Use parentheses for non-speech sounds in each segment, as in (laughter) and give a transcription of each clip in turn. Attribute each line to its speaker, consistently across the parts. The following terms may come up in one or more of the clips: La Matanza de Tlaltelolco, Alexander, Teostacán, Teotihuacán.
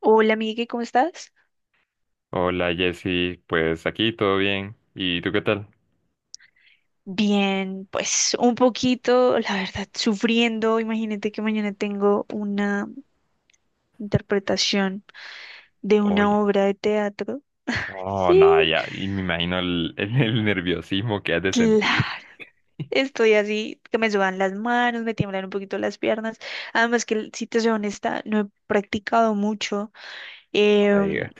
Speaker 1: Hola, Miguel, ¿cómo estás?
Speaker 2: Hola Jessy, pues aquí todo bien. ¿Y tú qué tal?
Speaker 1: Bien, pues un poquito, la verdad, sufriendo. Imagínate que mañana tengo una interpretación de una
Speaker 2: Oye,
Speaker 1: obra de teatro.
Speaker 2: oh, nada,
Speaker 1: Sí,
Speaker 2: ya, y me imagino (laughs) nerviosismo que has de sentir.
Speaker 1: claro. Estoy así, que me sudan las manos, me tiemblan un poquito las piernas. Además que, si te soy honesta, no he practicado mucho.
Speaker 2: No me
Speaker 1: em,
Speaker 2: digas.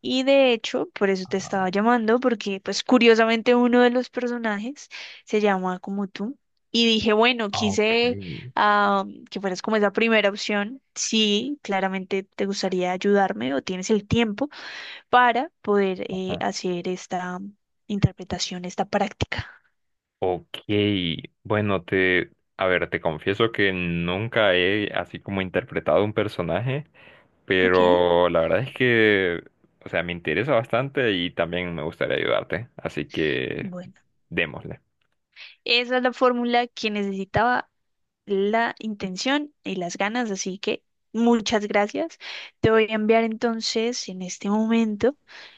Speaker 1: Y de hecho, por eso te estaba llamando, porque pues curiosamente uno de los personajes se llama como tú. Y dije, bueno,
Speaker 2: Ah, ok,
Speaker 1: ah, que fueras como esa primera opción. Sí, claramente te gustaría ayudarme o tienes el tiempo para poder
Speaker 2: ajá.
Speaker 1: hacer esta interpretación, esta práctica.
Speaker 2: Ok, bueno, a ver, te confieso que nunca he así como interpretado un personaje,
Speaker 1: Ok,
Speaker 2: pero la verdad es que, o sea, me interesa bastante y también me gustaría ayudarte, así que
Speaker 1: bueno.
Speaker 2: démosle.
Speaker 1: Esa es la fórmula que necesitaba, la intención y las ganas, así que muchas gracias. Te voy a enviar entonces en este momento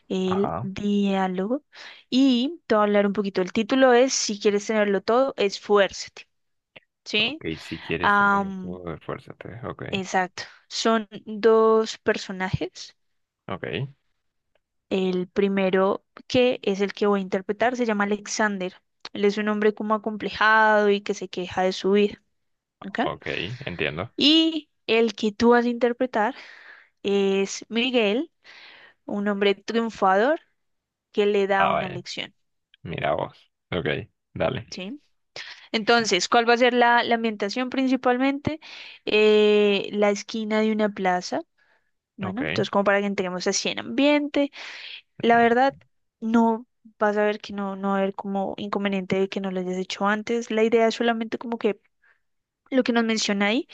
Speaker 1: el
Speaker 2: Ajá,
Speaker 1: diálogo y te voy a hablar un poquito. El título es, si quieres tenerlo todo, esfuérzate, ¿sí?
Speaker 2: ok, si quieres tenerlo
Speaker 1: Am,
Speaker 2: todo, esfuérzate, ok,
Speaker 1: exacto. Son dos personajes.
Speaker 2: ok.
Speaker 1: El primero que es el que voy a interpretar se llama Alexander. Él es un hombre como acomplejado y que se queja de su vida, ¿ok?
Speaker 2: Ok, entiendo.
Speaker 1: Y el que tú vas a interpretar es Miguel, un hombre triunfador que le da
Speaker 2: Ah,
Speaker 1: una
Speaker 2: vaya.
Speaker 1: lección,
Speaker 2: Mira vos. Ok, dale.
Speaker 1: ¿sí? Entonces, ¿cuál va a ser la ambientación principalmente? La esquina de una plaza,
Speaker 2: Ok,
Speaker 1: bueno, entonces como para que entremos así en ambiente. La
Speaker 2: mm,
Speaker 1: verdad, no vas a ver que no va a haber como inconveniente de que no lo hayas hecho antes. La idea es solamente como que lo que nos menciona ahí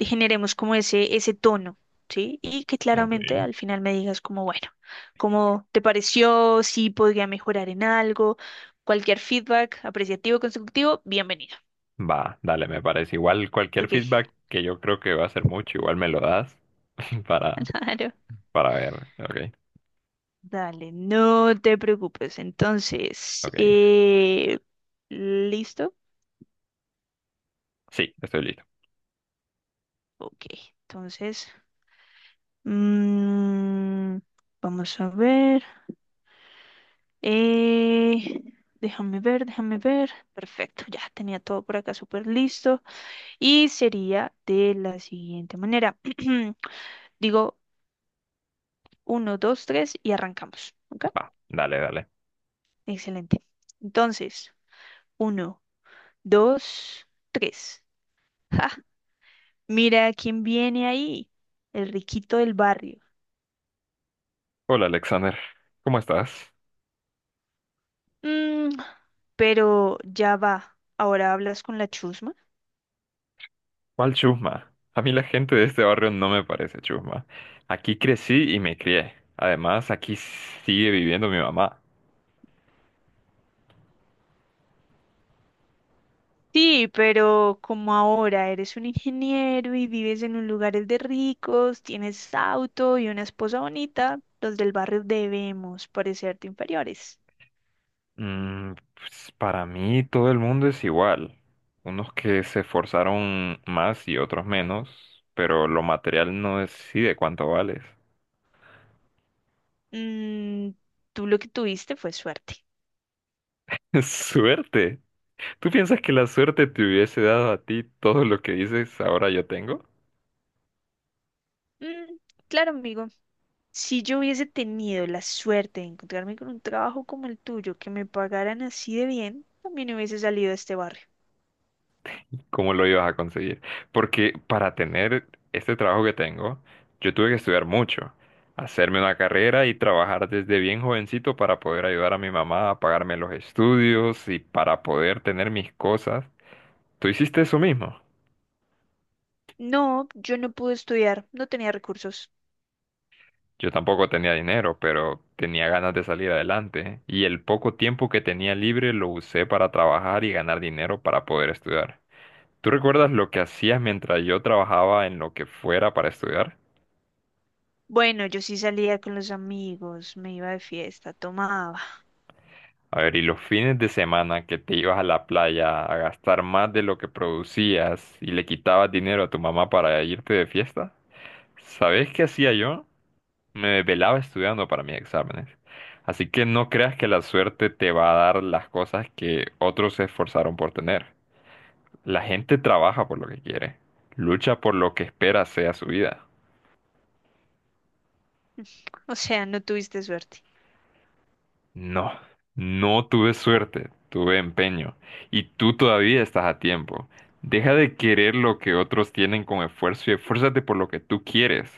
Speaker 1: generemos como ese tono, ¿sí? Y que
Speaker 2: ok.
Speaker 1: claramente al final me digas como, bueno, ¿cómo te pareció? Si podría mejorar en algo, cualquier feedback apreciativo, constructivo, bienvenido.
Speaker 2: Va, dale, me parece. Igual cualquier
Speaker 1: Ok,
Speaker 2: feedback que yo creo que va a ser mucho, igual me lo das (laughs) para,
Speaker 1: (laughs) claro.
Speaker 2: para ver. Ok,
Speaker 1: Dale, no te preocupes. Entonces,
Speaker 2: ok.
Speaker 1: ¿listo?
Speaker 2: Sí, estoy listo.
Speaker 1: Ok, entonces, mm, vamos a ver. Eh, Déjame ver, déjame ver. Perfecto, ya tenía todo por acá súper listo. Y sería de la siguiente manera. (clears throat) Digo uno, dos, tres y arrancamos. ¿Ok?
Speaker 2: Va, dale, dale.
Speaker 1: Excelente. Entonces, uno, dos, tres. (laughs) ¡Ja! Mira quién viene ahí. El riquito del barrio.
Speaker 2: Hola, Alexander. ¿Cómo estás?
Speaker 1: Mm, pero ya va. ¿Ahora hablas con la chusma?
Speaker 2: ¿Cuál chusma? A mí la gente de este barrio no me parece chusma. Aquí crecí y me crié. Además, aquí sigue viviendo mi mamá.
Speaker 1: Sí, pero como ahora eres un ingeniero y vives en un lugar de ricos, tienes auto y una esposa bonita, los del barrio debemos parecerte inferiores.
Speaker 2: Mm, pues, para mí todo el mundo es igual. Unos que se esforzaron más y otros menos, pero lo material no decide cuánto vales.
Speaker 1: Mm, Tú lo que tuviste fue suerte.
Speaker 2: (laughs) Suerte. ¿Tú piensas que la suerte te hubiese dado a ti todo lo que dices ahora yo tengo?
Speaker 1: Mm, claro, amigo. Si yo hubiese tenido la suerte de encontrarme con un trabajo como el tuyo, que me pagaran así de bien, también hubiese salido de este barrio.
Speaker 2: ¿Cómo lo ibas a conseguir? Porque para tener este trabajo que tengo, yo tuve que estudiar mucho, hacerme una carrera y trabajar desde bien jovencito para poder ayudar a mi mamá a pagarme los estudios y para poder tener mis cosas. Tú hiciste eso mismo.
Speaker 1: No, yo no pude estudiar, no tenía recursos.
Speaker 2: Yo tampoco tenía dinero, pero tenía ganas de salir adelante, ¿eh? Y el poco tiempo que tenía libre lo usé para trabajar y ganar dinero para poder estudiar. ¿Tú recuerdas lo que hacías mientras yo trabajaba en lo que fuera para estudiar?
Speaker 1: Bueno, yo sí salía con los amigos, me iba de fiesta, tomaba. (laughs)
Speaker 2: A ver, ¿y los fines de semana que te ibas a la playa a gastar más de lo que producías y le quitabas dinero a tu mamá para irte de fiesta? ¿Sabes qué hacía yo? Me desvelaba estudiando para mis exámenes. Así que no creas que la suerte te va a dar las cosas que otros se esforzaron por tener. La gente trabaja por lo que quiere, lucha por lo que espera sea su vida.
Speaker 1: O sea, no tuviste suerte.
Speaker 2: No, no tuve suerte, tuve empeño. Y tú todavía estás a tiempo. Deja de querer lo que otros tienen con esfuerzo y esfuérzate por lo que tú quieres.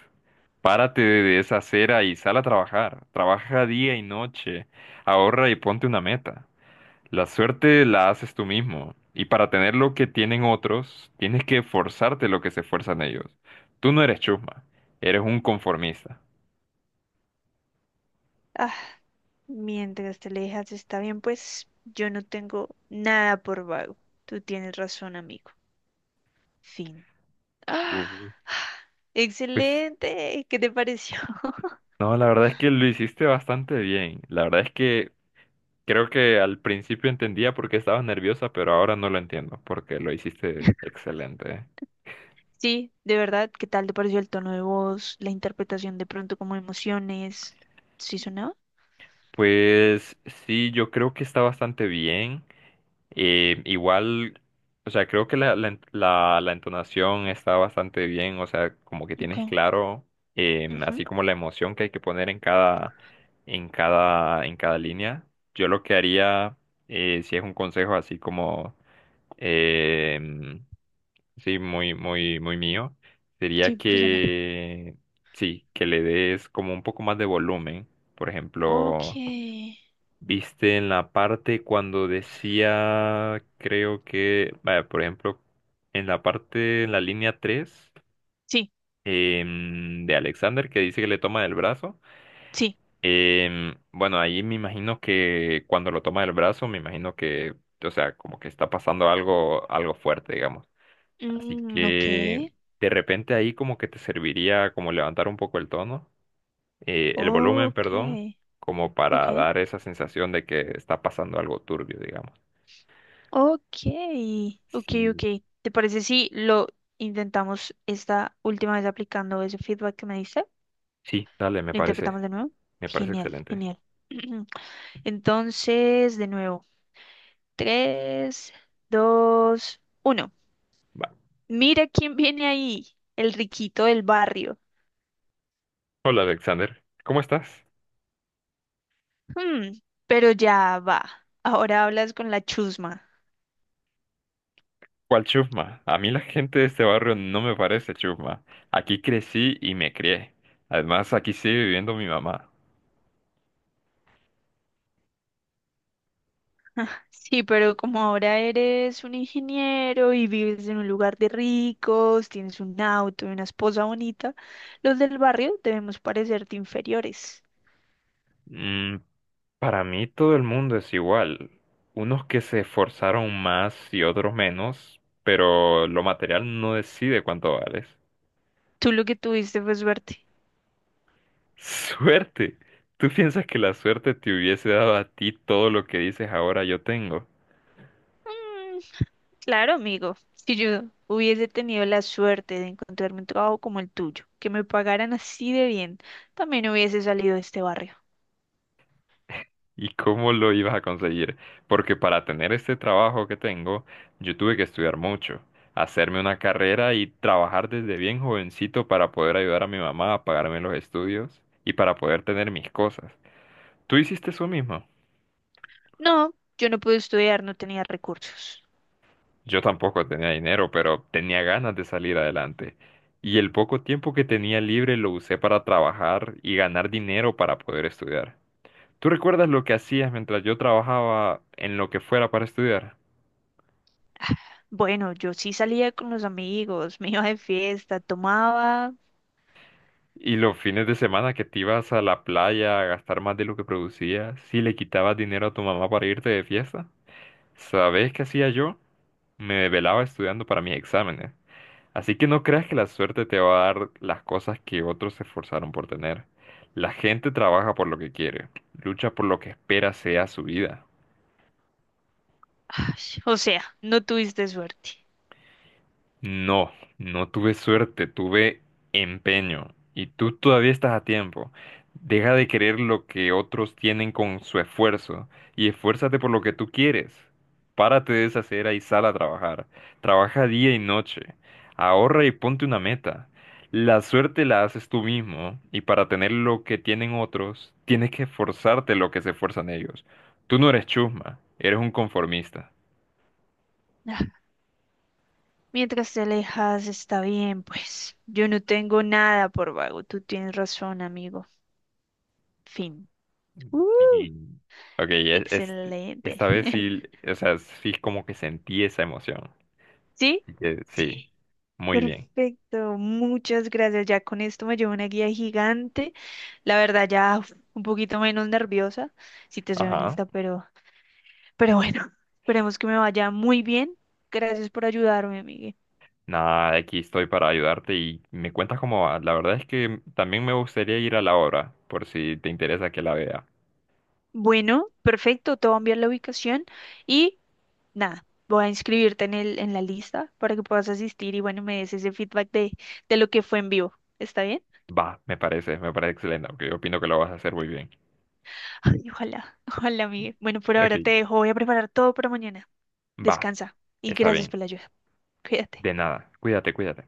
Speaker 2: Párate de esa acera y sal a trabajar. Trabaja día y noche. Ahorra y ponte una meta. La suerte la haces tú mismo, y para tener lo que tienen otros, tienes que forzarte lo que se esfuerzan ellos. Tú no eres chusma, eres un conformista.
Speaker 1: Ah, mientras te alejas está bien, pues yo no tengo nada por vago. Tú tienes razón, amigo. Fin. ¡Ah!
Speaker 2: Ujú. Pues
Speaker 1: Excelente, ¿qué te pareció? (laughs)
Speaker 2: no, la verdad es que lo hiciste bastante bien. La verdad es que creo que al principio entendía por qué estabas nerviosa, pero ahora no lo entiendo, porque lo hiciste excelente, ¿eh?
Speaker 1: Sí, de verdad, ¿qué tal te pareció el tono de voz, la interpretación de pronto como emociones? ¿Sí sonaba?
Speaker 2: Pues sí, yo creo que está bastante bien. Eh, igual, o sea, creo que la entonación está bastante bien, o sea, como que
Speaker 1: Ok.
Speaker 2: tienes claro, así
Speaker 1: Ujú.
Speaker 2: como la emoción que hay que poner en cada línea. Yo lo que haría, si es un consejo así como, em, sí, muy, muy, muy mío, sería
Speaker 1: Sí, personal.
Speaker 2: que, sí, que le des como un poco más de volumen, por
Speaker 1: Ok.
Speaker 2: ejemplo. Viste en la parte cuando decía, creo que, vaya, por ejemplo, en la línea tres,
Speaker 1: Sí,
Speaker 2: de Alexander que dice que le toma del brazo.
Speaker 1: sí.
Speaker 2: Em, bueno, ahí me imagino que cuando lo toma del brazo, me imagino o sea, como que está pasando algo, algo fuerte, digamos. Así
Speaker 1: Mm, ok.
Speaker 2: que de repente ahí como que te serviría como levantar un poco el tono, el volumen,
Speaker 1: Ok.
Speaker 2: perdón, como
Speaker 1: Ok.
Speaker 2: para dar esa sensación de que está pasando algo turbio, digamos.
Speaker 1: Ok. Ok,
Speaker 2: Sí,
Speaker 1: ok. ¿Te parece si lo intentamos esta última vez aplicando ese feedback que me diste?
Speaker 2: sí, dale,
Speaker 1: ¿Lo interpretamos de nuevo?
Speaker 2: me parece
Speaker 1: Genial,
Speaker 2: excelente.
Speaker 1: genial. (clears throat) Entonces, de nuevo, tres, dos, uno.
Speaker 2: Va.
Speaker 1: Mira quién viene ahí, el riquito del barrio.
Speaker 2: Hola, Alexander, ¿cómo estás?
Speaker 1: Hmm, pero ya va. Ahora hablas con la chusma.
Speaker 2: ¿Cuál chusma? A mí la gente de este barrio no me parece chusma. Aquí crecí y me crié. Además, aquí sigue viviendo mi mamá.
Speaker 1: (laughs) Sí, pero como ahora eres un ingeniero y vives en un lugar de ricos, tienes un auto y una esposa bonita, los del barrio debemos parecerte inferiores.
Speaker 2: Mm, para mí todo el mundo es igual. Unos que se esforzaron más y otros menos, pero lo material no decide cuánto vales.
Speaker 1: Tú lo que tuviste fue suerte.
Speaker 2: (laughs) Suerte. ¿Tú piensas que la suerte te hubiese dado a ti todo lo que dices ahora yo tengo?
Speaker 1: Hmm, Claro, amigo, si yo hubiese tenido la suerte de encontrarme un trabajo como el tuyo, que me pagaran así de bien, también hubiese salido de este barrio.
Speaker 2: ¿Y cómo lo ibas a conseguir? Porque para tener este trabajo que tengo, yo tuve que estudiar mucho, hacerme una carrera y trabajar desde bien jovencito para poder ayudar a mi mamá a pagarme los estudios y para poder tener mis cosas. ¿Tú hiciste eso mismo?
Speaker 1: No, yo no pude estudiar, no tenía recursos.
Speaker 2: Yo tampoco tenía dinero, pero tenía ganas de salir adelante. Y el poco tiempo que tenía libre lo usé para trabajar y ganar dinero para poder estudiar. ¿Tú recuerdas lo que hacías mientras yo trabajaba en lo que fuera para estudiar?
Speaker 1: Bueno, yo sí salía con los amigos, me iba de fiesta, tomaba...
Speaker 2: ¿Y los fines de semana que te ibas a la playa a gastar más de lo que producías, si le quitabas dinero a tu mamá para irte de fiesta, sabes qué hacía yo? Me desvelaba estudiando para mis exámenes. Así que no creas que la suerte te va a dar las cosas que otros se esforzaron por tener. La gente trabaja por lo que quiere, lucha por lo que espera sea su vida.
Speaker 1: Ay, o sea, no tuviste suerte.
Speaker 2: No, no tuve suerte, tuve empeño. Y tú todavía estás a tiempo. Deja de querer lo que otros tienen con su esfuerzo y esfuérzate por lo que tú quieres. Párate de esa cera y sal a trabajar. Trabaja día y noche. Ahorra y ponte una meta. La suerte la haces tú mismo y para tener lo que tienen otros, tienes que esforzarte lo que se esfuerzan ellos. Tú no eres chusma, eres un conformista.
Speaker 1: Ah, mientras te alejas, está bien, pues. Yo no tengo nada por vago, tú tienes razón, amigo. Fin. Uh,
Speaker 2: Y- Ok, e- es-
Speaker 1: Excelente.
Speaker 2: Esta vez sí,
Speaker 1: (laughs)
Speaker 2: o sea, sí como que sentí esa emoción.
Speaker 1: ¿Sí?
Speaker 2: Así que sí,
Speaker 1: Sí.
Speaker 2: muy bien.
Speaker 1: Perfecto, muchas gracias. Ya con esto me llevo una guía gigante. La verdad, ya uf, un poquito menos nerviosa, si te soy
Speaker 2: Ajá.
Speaker 1: honesta, pero bueno, (laughs) esperemos que me vaya muy bien. Gracias por ayudarme, Miguel.
Speaker 2: Nada, aquí estoy para ayudarte y me cuentas cómo va. La verdad es que también me gustaría ir a la obra, por si te interesa que la vea.
Speaker 1: Bueno, perfecto, te voy a enviar la ubicación y nada, voy a inscribirte en en la lista para que puedas asistir y bueno, me des ese feedback de lo que fue en vivo. ¿Está bien?
Speaker 2: Va, me parece excelente, aunque yo opino que lo vas a hacer muy bien.
Speaker 1: Ay, ojalá, (laughs) ojalá, Miguel. Bueno, por
Speaker 2: Ok,
Speaker 1: ahora te dejo, voy a preparar todo para mañana.
Speaker 2: va,
Speaker 1: Descansa y
Speaker 2: está
Speaker 1: gracias
Speaker 2: bien.
Speaker 1: por la ayuda. Cuídate.
Speaker 2: De nada, cuídate, cuídate.